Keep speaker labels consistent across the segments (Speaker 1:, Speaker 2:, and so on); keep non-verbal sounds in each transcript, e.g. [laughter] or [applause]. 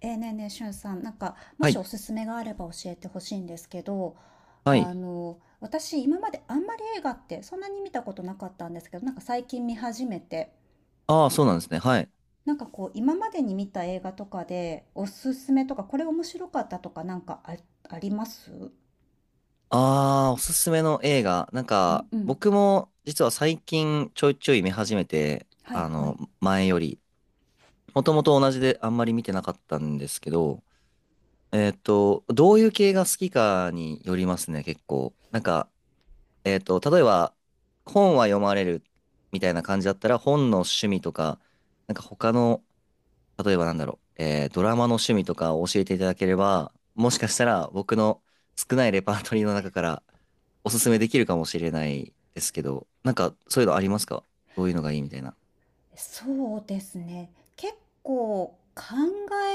Speaker 1: ねえねえ、しゅんさん、なんか、も
Speaker 2: は
Speaker 1: しお
Speaker 2: い。
Speaker 1: すすめがあれば教えてほしいんですけど、
Speaker 2: は
Speaker 1: あ
Speaker 2: い。
Speaker 1: の、私、今まであんまり映画ってそんなに見たことなかったんですけど、なんか最近見始めて、
Speaker 2: ああ、そうなんですね。はい。
Speaker 1: なんかこう、今までに見た映画とかで、おすすめとか、これ面白かったとか、なんかあ、あります？
Speaker 2: ああ、おすすめの映画。なん
Speaker 1: うん
Speaker 2: か、
Speaker 1: うん。
Speaker 2: 僕も実は最近ちょいちょい見始めて、
Speaker 1: はいはい。
Speaker 2: 前より。もともと同じであんまり見てなかったんですけど、どういう系が好きかによりますね、結構。なんか、例えば、本は読まれるみたいな感じだったら、本の趣味とか、なんか他の例えばなんだろう、ドラマの趣味とかを教えていただければ、もしかしたら僕の少ないレパートリーの中からおすすめできるかもしれないですけど、なんかそういうのありますか？どういうのがいいみたいな。
Speaker 1: そうですね。結構考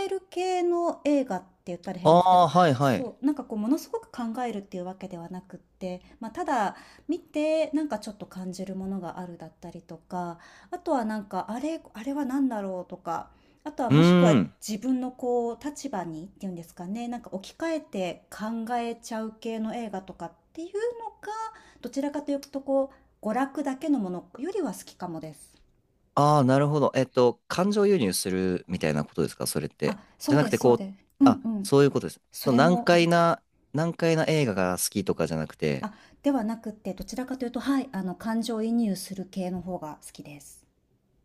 Speaker 1: える系の映画って言ったら
Speaker 2: あ
Speaker 1: 変ですけど、
Speaker 2: あ、はいはい。
Speaker 1: そう、なんかこうものすごく考えるっていうわけではなくって、まあ、ただ見てなんかちょっと感じるものがあるだったりとか、あとはなんかあれ、あれは何だろうとか、あとは
Speaker 2: う
Speaker 1: もしく
Speaker 2: ー
Speaker 1: は
Speaker 2: ん。
Speaker 1: 自分のこう立場にっていうんですかね、なんか置き換えて考えちゃう系の映画とかっていうのが、どちらかというとこう娯楽だけのものよりは好きかもです。
Speaker 2: ああ、なるほど。感情移入するみたいなことですか、それっ
Speaker 1: あ、
Speaker 2: て？
Speaker 1: そ
Speaker 2: じ
Speaker 1: う
Speaker 2: ゃな
Speaker 1: で
Speaker 2: くて、
Speaker 1: すそ
Speaker 2: こ
Speaker 1: う
Speaker 2: う、
Speaker 1: です。うん
Speaker 2: あ、
Speaker 1: うん。
Speaker 2: そういうことです。
Speaker 1: そ
Speaker 2: その
Speaker 1: れ
Speaker 2: 難
Speaker 1: もあ
Speaker 2: 解
Speaker 1: り。
Speaker 2: な、難解な映画が好きとかじゃなくて、
Speaker 1: あ、ではなくて、どちらかというと、はい、あの、感情移入する系の方が好きです。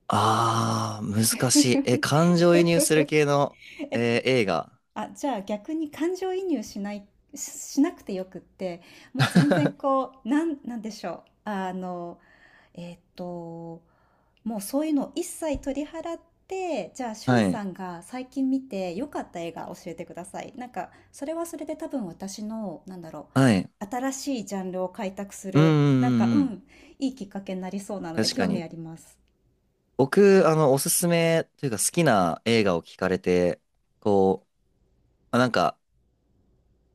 Speaker 2: ああ、難しい。え、感情移入する系の、
Speaker 1: [laughs] え、
Speaker 2: 映画。
Speaker 1: あ、じゃあ逆に感情移入しない、し、しなくてよくって、もう全然
Speaker 2: [laughs]
Speaker 1: こう、なん、なんでしょう。あの、えっと、もうそういうのを一切取り払って、じゃあ、しゅ
Speaker 2: は
Speaker 1: ん
Speaker 2: い。
Speaker 1: さんが最近見て良かった映画教えてください。なんか、それはそれで多分私の、なんだろ
Speaker 2: はい。
Speaker 1: う、新しいジャンルを開拓す
Speaker 2: うんう
Speaker 1: る、なんか、
Speaker 2: んうんう
Speaker 1: う
Speaker 2: ん。
Speaker 1: ん、いいきっかけになりそうなので、
Speaker 2: 確か
Speaker 1: 興味
Speaker 2: に。
Speaker 1: あります。
Speaker 2: 僕、おすすめというか好きな映画を聞かれて、こう、まあなんか、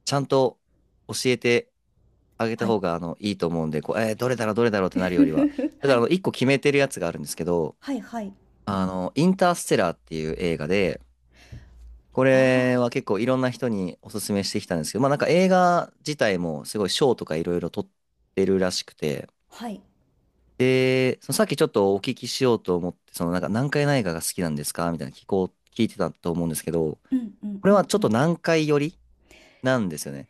Speaker 2: ちゃんと教えてあげ
Speaker 1: は
Speaker 2: た
Speaker 1: い
Speaker 2: 方が、いいと思うんで、こう、どれだろう、どれだろうってなるよりは。
Speaker 1: [laughs]。
Speaker 2: だ
Speaker 1: は
Speaker 2: から、
Speaker 1: い。
Speaker 2: 一個決めてるやつがあるんですけど、
Speaker 1: はい、はい。
Speaker 2: インターステラーっていう映画で、こ
Speaker 1: あ
Speaker 2: れは結構いろんな人におすすめしてきたんですけど、まあなんか映画自体もすごい賞とかいろいろ取ってるらしくて、
Speaker 1: あ、はい。
Speaker 2: で、そのさっきちょっとお聞きしようと思って、そのなんか南海内科が好きなんですかみたいな聞こう、聞いてたと思うんですけど、
Speaker 1: うん、うん、
Speaker 2: こ
Speaker 1: う
Speaker 2: れは
Speaker 1: ん、
Speaker 2: ちょ
Speaker 1: う
Speaker 2: っと
Speaker 1: ん。
Speaker 2: 南海寄りなんですよね。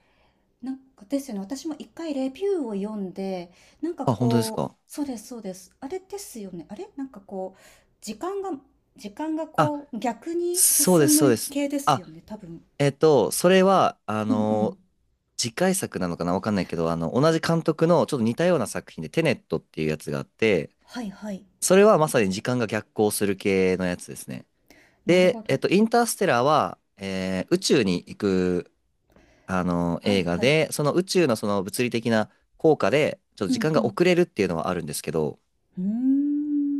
Speaker 1: なんかですよね。私も一回レビューを読んで、なんか
Speaker 2: あ、本当です
Speaker 1: こ
Speaker 2: か？
Speaker 1: う、そうです、そうです。あれですよね。あれなんかこう、時間が、時間が
Speaker 2: あ、
Speaker 1: こう、逆に
Speaker 2: そうで
Speaker 1: 進
Speaker 2: す、そう
Speaker 1: む
Speaker 2: です。
Speaker 1: 系ですよ
Speaker 2: あ、
Speaker 1: ね、多分。
Speaker 2: それは、
Speaker 1: うんうん。
Speaker 2: 次回作なのかなわかんないけど、同じ監督のちょっと似たような作品でテネットっていうやつがあって、
Speaker 1: はいはい。
Speaker 2: それはまさに時間が逆行する系のやつですね。
Speaker 1: なるほ
Speaker 2: で、
Speaker 1: ど。
Speaker 2: インターステラーは、宇宙に行く
Speaker 1: は
Speaker 2: 映
Speaker 1: い
Speaker 2: 画
Speaker 1: はい。
Speaker 2: で、その宇宙のその物理的な効果で、ちょっと
Speaker 1: う
Speaker 2: 時
Speaker 1: ん
Speaker 2: 間
Speaker 1: う
Speaker 2: が
Speaker 1: ん。
Speaker 2: 遅れるっていうのはあるんですけど、
Speaker 1: うー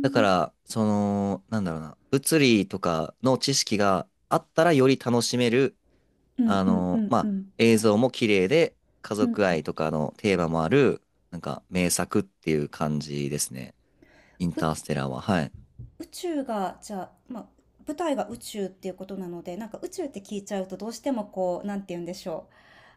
Speaker 2: だから、その、なんだろうな、物理とかの知識があったらより楽しめる、
Speaker 1: うんうんうん
Speaker 2: ま
Speaker 1: う
Speaker 2: あ、
Speaker 1: ん。
Speaker 2: 映像も綺麗で、家
Speaker 1: うんう
Speaker 2: 族
Speaker 1: ん。
Speaker 2: 愛とかのテーマもある、なんか名作っていう感じですね。インタース
Speaker 1: 宇
Speaker 2: テラーは。はい。
Speaker 1: 宇宙が、じゃあ、まあ、舞台が宇宙っていうことなので、なんか宇宙って聞いちゃうとどうしてもこう、なんて言うんでしょ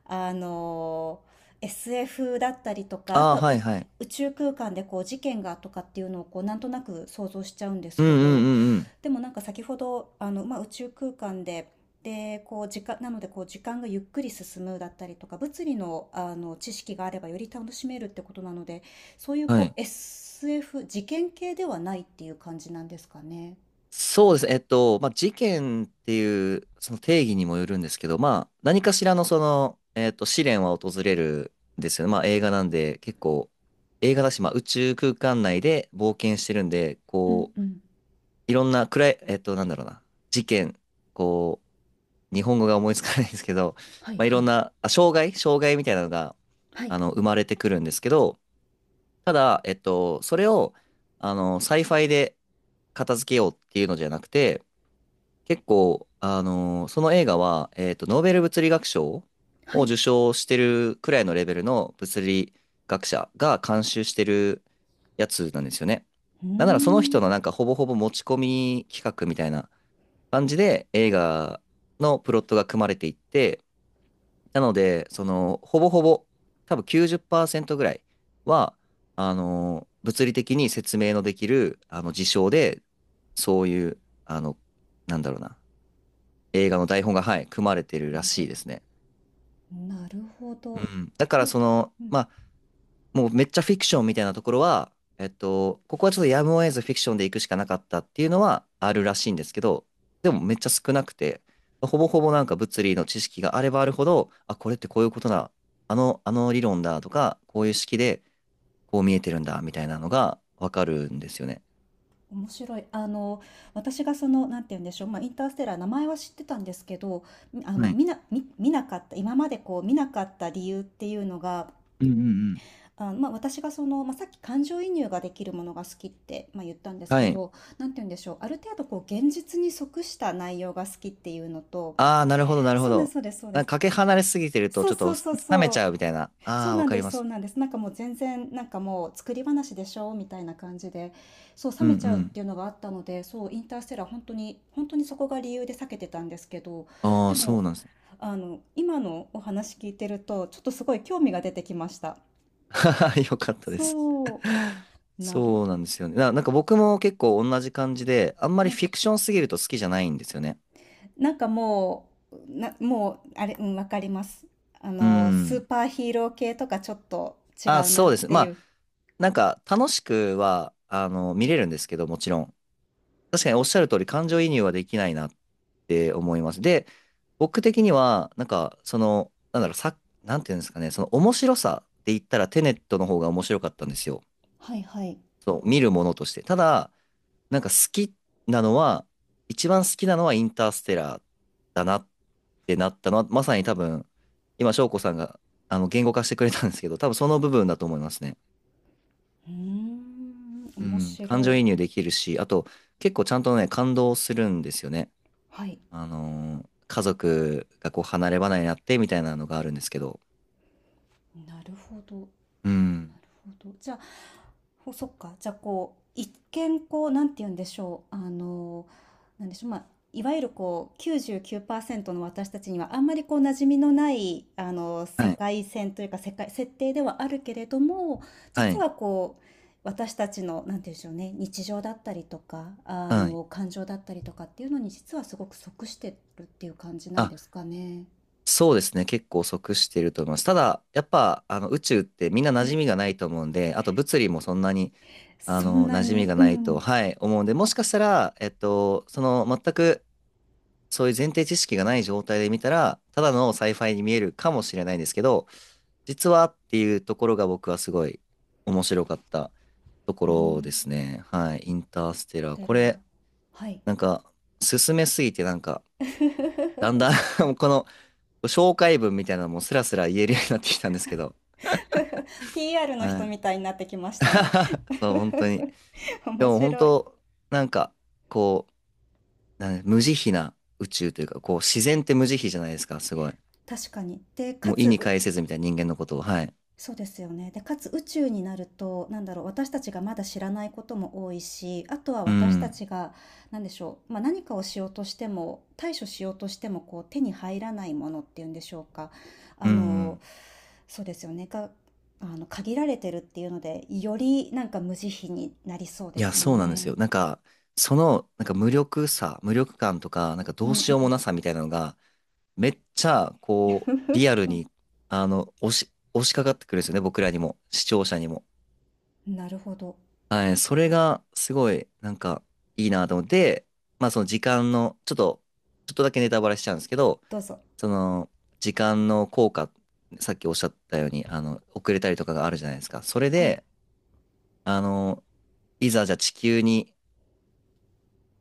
Speaker 1: う。あの、SF だったりとか、あ
Speaker 2: ああ、
Speaker 1: とは
Speaker 2: は
Speaker 1: う
Speaker 2: いはい。
Speaker 1: 宇宙空間でこう事件がとかっていうのをこうなんとなく想像しちゃうんで
Speaker 2: う
Speaker 1: す
Speaker 2: んう
Speaker 1: け
Speaker 2: ん
Speaker 1: ど、
Speaker 2: うんうん。
Speaker 1: でもなんか先ほど、あの、まあ、宇宙空間で、で、こう時間、なのでこう時間がゆっくり進むだったりとか、物理の、あの知識があればより楽しめるってことなので、そういう
Speaker 2: は
Speaker 1: こ
Speaker 2: い。
Speaker 1: う SF、事件系ではないっていう感じなんですかね。
Speaker 2: そうですね。まあ、事件っていうその定義にもよるんですけど、まあ、何かしらのその、試練は訪れるんですよね。まあ、映画なんで、結構、映画だし、まあ、宇宙空間内で冒険してるんで、
Speaker 1: うん
Speaker 2: こ
Speaker 1: う
Speaker 2: う、
Speaker 1: ん。
Speaker 2: いろんな暗い、なんだろうな、事件、こう、日本語が思いつかないんですけど、
Speaker 1: はい
Speaker 2: まあ、い
Speaker 1: は
Speaker 2: ろん
Speaker 1: い。
Speaker 2: な、あ、障害みたいなのが、
Speaker 1: はい。
Speaker 2: 生まれてくるんですけど、ただ、それを、サイファイで片付けようっていうのじゃなくて、結構、その映画は、ノーベル物理学賞
Speaker 1: は
Speaker 2: を
Speaker 1: い。
Speaker 2: 受賞してるくらいのレベルの物理学者が監修してるやつなんですよね。
Speaker 1: うー
Speaker 2: なんならその人
Speaker 1: ん。
Speaker 2: のなんかほぼほぼ持ち込み企画みたいな感じで映画のプロットが組まれていって、なので、その、ほぼほぼ、多分90%ぐらいは、物理的に説明のできる、事象で、そういう、あの、なんだろうな。映画の台本が、はい、組まれてる
Speaker 1: 生
Speaker 2: ら
Speaker 1: まれて
Speaker 2: しい
Speaker 1: る。
Speaker 2: ですね。
Speaker 1: なるほ
Speaker 2: う
Speaker 1: ど。
Speaker 2: ん。だから
Speaker 1: え、
Speaker 2: その、
Speaker 1: うん、
Speaker 2: まあ、もうめっちゃフィクションみたいなところは、ここはちょっとやむを得ずフィクションで行くしかなかったっていうのはあるらしいんですけど、でもめっちゃ少なくて、ほぼほぼなんか物理の知識があればあるほど、あ、これってこういうことだ、あの理論だとか、こういう式でこう見えてるんだみたいなのがわかるんですよね。
Speaker 1: 面白い。あの、私がその、なんて言うんでしょう、まあ、インターステラー、名前は知ってたんですけど、みあの、
Speaker 2: はい。
Speaker 1: 見な、見、見なかった、今までこう、見なかった理由っていうのが、
Speaker 2: うんうんうん。
Speaker 1: あ、まあ、私がその、まあ、さっき感情移入ができるものが好きって、まあ、言ったんです
Speaker 2: は
Speaker 1: け
Speaker 2: い。
Speaker 1: ど、なんて言うんでしょう、ある程度こう、現実に即した内容が好きっていうのと、
Speaker 2: ああ、なるほど、なるほ
Speaker 1: そうです、
Speaker 2: ど。
Speaker 1: そうです、そうで
Speaker 2: なん
Speaker 1: す。
Speaker 2: かかけ離れすぎてると、
Speaker 1: そう
Speaker 2: ちょっ
Speaker 1: そ
Speaker 2: と
Speaker 1: うそう
Speaker 2: 冷め
Speaker 1: そ
Speaker 2: ち
Speaker 1: う。
Speaker 2: ゃうみたいな。
Speaker 1: そ
Speaker 2: あ
Speaker 1: う
Speaker 2: あ、
Speaker 1: な
Speaker 2: わ
Speaker 1: ん
Speaker 2: か
Speaker 1: で
Speaker 2: り
Speaker 1: す、
Speaker 2: ま
Speaker 1: そう
Speaker 2: す。
Speaker 1: なんです。なんかもう全然、なんかもう作り話でしょみたいな感じで、そう、冷
Speaker 2: うんう
Speaker 1: めちゃうっ
Speaker 2: ん。
Speaker 1: ていうのがあったので、そう、インターステラー本当に、本当にそこが理由で避けてたんですけど、
Speaker 2: あ
Speaker 1: で
Speaker 2: あ、そう
Speaker 1: も、
Speaker 2: なんですね。
Speaker 1: あの、今のお話聞いてると、ちょっとすごい興味が出てきました。
Speaker 2: [laughs] よかったです。
Speaker 1: そう、なる
Speaker 2: そうな
Speaker 1: ほ
Speaker 2: ん
Speaker 1: ど。
Speaker 2: ですよね。なんか僕も結構同じ感じで、あんまり
Speaker 1: はい。
Speaker 2: フィクションすぎると好きじゃないんですよね。
Speaker 1: なんかもう、な、もう、あれ、うん、わかります。あ
Speaker 2: う
Speaker 1: の、スー
Speaker 2: ん。
Speaker 1: パーヒーロー系とかちょっと違
Speaker 2: あ、
Speaker 1: うな
Speaker 2: そ
Speaker 1: っ
Speaker 2: うです。
Speaker 1: て
Speaker 2: ま
Speaker 1: い
Speaker 2: あ、
Speaker 1: う。
Speaker 2: なんか楽しくは、見れるんですけど、もちろん。確かにおっしゃる通り、感情移入はできないなって思います。で、僕的には、なんか、その、なんだろう、なんていうんですかね、その面白さで言ったらテネットの方が面白かったんですよ。
Speaker 1: はいはい。
Speaker 2: そう、見るものとして。ただ、なんか好きなのは、一番好きなのはインターステラーだなってなったのは、まさに多分、今、翔子さんが、言語化してくれたんですけど、多分その部分だと思いますね。
Speaker 1: うーん、
Speaker 2: う
Speaker 1: 面
Speaker 2: ん、感
Speaker 1: 白
Speaker 2: 情移
Speaker 1: い。
Speaker 2: 入できるし、あと、結構ちゃんとね、感動するんですよね。
Speaker 1: はい。
Speaker 2: 家族がこう離れ離れになってみたいなのがあるんですけど。
Speaker 1: なるほど。なる
Speaker 2: うん。
Speaker 1: ほど。じゃあ、ほそっか。じゃあ、こう、一見、こう、なんて言うんでしょう。あの、なんでしょう。まあ、いわゆる、こう、99%の私たちには、あんまり、こう、馴染みのない、あの、世
Speaker 2: はい。
Speaker 1: 界線というか、世界、設定ではあるけれども、
Speaker 2: は
Speaker 1: 実
Speaker 2: い。
Speaker 1: は、こう、私たちの、なんて言うんでしょうね、日常だったりとか、あ
Speaker 2: はい。
Speaker 1: の、感情だったりとかっていうのに、実はすごく即してるっていう感じなん
Speaker 2: あ、
Speaker 1: ですかね。
Speaker 2: そうですね。結構即してると思います。ただ、やっぱ、宇宙ってみんな馴染みがないと思うんで、あと物理もそんなに、
Speaker 1: そんな
Speaker 2: 馴染み
Speaker 1: に、
Speaker 2: が
Speaker 1: う
Speaker 2: ないと、
Speaker 1: ん。
Speaker 2: はい、思うんで、もしかしたら、その、全く、そういう前提知識がない状態で見たら、ただのサイファイに見えるかもしれないんですけど、実はっていうところが僕はすごい面白かったとこ
Speaker 1: う
Speaker 2: ろで
Speaker 1: ん。
Speaker 2: すね。はい。インターステラー。
Speaker 1: テ
Speaker 2: こ
Speaker 1: ラ、
Speaker 2: れ、
Speaker 1: はい。
Speaker 2: なんか、進めすぎてなんか、だんだ
Speaker 1: [laughs]
Speaker 2: ん [laughs] もうこの紹介文みたいなのもスラスラ言えるようになってきたんですけど。
Speaker 1: PR の
Speaker 2: は
Speaker 1: 人
Speaker 2: い。
Speaker 1: みたいになってきましたね。
Speaker 2: [laughs] そう、本当に。
Speaker 1: [laughs]
Speaker 2: で
Speaker 1: 面
Speaker 2: も本
Speaker 1: 白い。
Speaker 2: 当、なんか、こう、無慈悲な宇宙というか、こう、自然って無慈悲じゃないですか、すごい。
Speaker 1: 確かに。で、か
Speaker 2: もう意
Speaker 1: つ、
Speaker 2: に
Speaker 1: う
Speaker 2: 介せずみたいな人間のことを。はい。
Speaker 1: そうですよね。で、かつ宇宙になると、なんだろう、私たちがまだ知らないことも多いし、あとは
Speaker 2: う
Speaker 1: 私た
Speaker 2: ん。
Speaker 1: ちが、なんでしょう、まあ、何かをしようとしても、対処しようとしても、こう、手に入らないものっていうんでしょうか。
Speaker 2: う
Speaker 1: あ
Speaker 2: んう
Speaker 1: の、
Speaker 2: ん。
Speaker 1: そうですよね。が、あの、限られてるっていうので、よりなんか無慈悲になりそう
Speaker 2: い
Speaker 1: で
Speaker 2: や、
Speaker 1: すよ
Speaker 2: そうなんですよ。
Speaker 1: ね。
Speaker 2: なんか、その、なんか無力感とか、なんか
Speaker 1: う
Speaker 2: ど
Speaker 1: ん
Speaker 2: う
Speaker 1: う
Speaker 2: しようも
Speaker 1: ん。
Speaker 2: なさみたいなのが、めっちゃ、こう、リア
Speaker 1: [laughs]
Speaker 2: ルに、押しかかってくるんですよね、僕らにも、視聴者にも。
Speaker 1: なるほど。
Speaker 2: はい、それが、すごい、なんか、いいなと思って、まあ、その時間の、ちょっとだけネタバレしちゃうんですけど、
Speaker 1: どうぞ。
Speaker 2: その、時間の効果、さっきおっしゃったように、遅れたりとかがあるじゃないですか。それ
Speaker 1: はい。
Speaker 2: で、あの、いざじゃあ地球に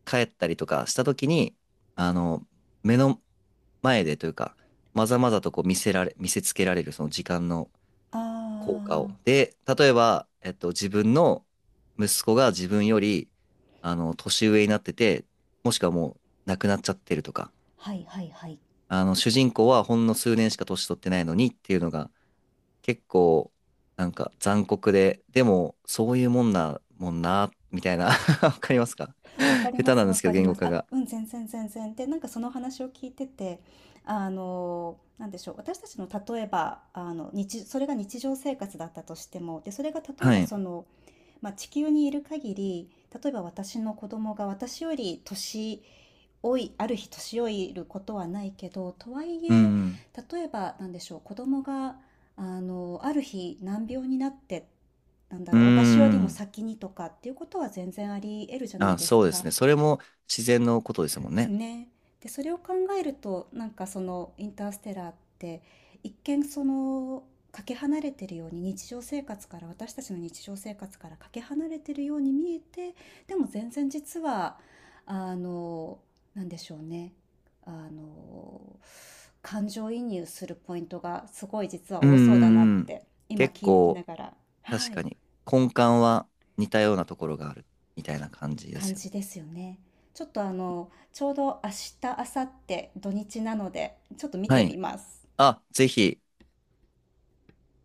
Speaker 2: 帰ったりとかした時に、あの、目の前でというか、まざまざとこう見せつけられるその時間の
Speaker 1: あ
Speaker 2: 効果を。
Speaker 1: あ、
Speaker 2: で、例えば、自分の息子が自分より、年上になってて、もしくはもう亡くなっちゃってるとか、
Speaker 1: はいはいはい。
Speaker 2: 主人公はほんの数年しか年取ってないのにっていうのが、結構、なんか残酷で、でも、そういうもんな、もんな、みたいな [laughs] わかりますか？
Speaker 1: わか
Speaker 2: [laughs]
Speaker 1: り
Speaker 2: 下
Speaker 1: ま
Speaker 2: 手な
Speaker 1: す、
Speaker 2: んで
Speaker 1: わ
Speaker 2: すけ
Speaker 1: か
Speaker 2: ど、
Speaker 1: り
Speaker 2: 言
Speaker 1: ま
Speaker 2: 語
Speaker 1: す。
Speaker 2: 化
Speaker 1: あ、
Speaker 2: が。
Speaker 1: うん、全然全然。で、なんかその話を聞いてて、あの、なんでしょう、私たちの例えば、あの、日、それが日常生活だったとしても、で、それが例え
Speaker 2: は
Speaker 1: ば
Speaker 2: い。
Speaker 1: その、まあ、地球にいる限り、例えば私の子供が私より年老いある日年老いることはないけど、とはい
Speaker 2: う
Speaker 1: え
Speaker 2: ん。
Speaker 1: 例えばなんでしょう子供があのある日難病になってなんだ
Speaker 2: う
Speaker 1: ろう私よりも
Speaker 2: ん。
Speaker 1: 先にとかっていうことは全然あり得るじゃない
Speaker 2: あ、
Speaker 1: です
Speaker 2: そうです
Speaker 1: か。
Speaker 2: ね。それも自然のことです
Speaker 1: で
Speaker 2: もん
Speaker 1: す
Speaker 2: ね。
Speaker 1: ね。で、それを考えると、なんかそのインターステラーって一見そのかけ離れてるように日常生活から私たちの日常生活からかけ離れてるように見えて、でも全然実はあのなんでしょうね。あの感情移入するポイントがすごい実は
Speaker 2: うんう
Speaker 1: 多そうだなっ
Speaker 2: んうん。
Speaker 1: て今
Speaker 2: 結
Speaker 1: 聞きな
Speaker 2: 構、
Speaker 1: がら、は
Speaker 2: 確か
Speaker 1: い、
Speaker 2: に、根幹は似たようなところがあるみたいな感じで
Speaker 1: 感
Speaker 2: すよね。
Speaker 1: じですよね。ちょっとあの、ちょうど明日、明後日、土日なので、ちょっと見
Speaker 2: は
Speaker 1: てみ
Speaker 2: い。
Speaker 1: ます。
Speaker 2: あ、ぜひ。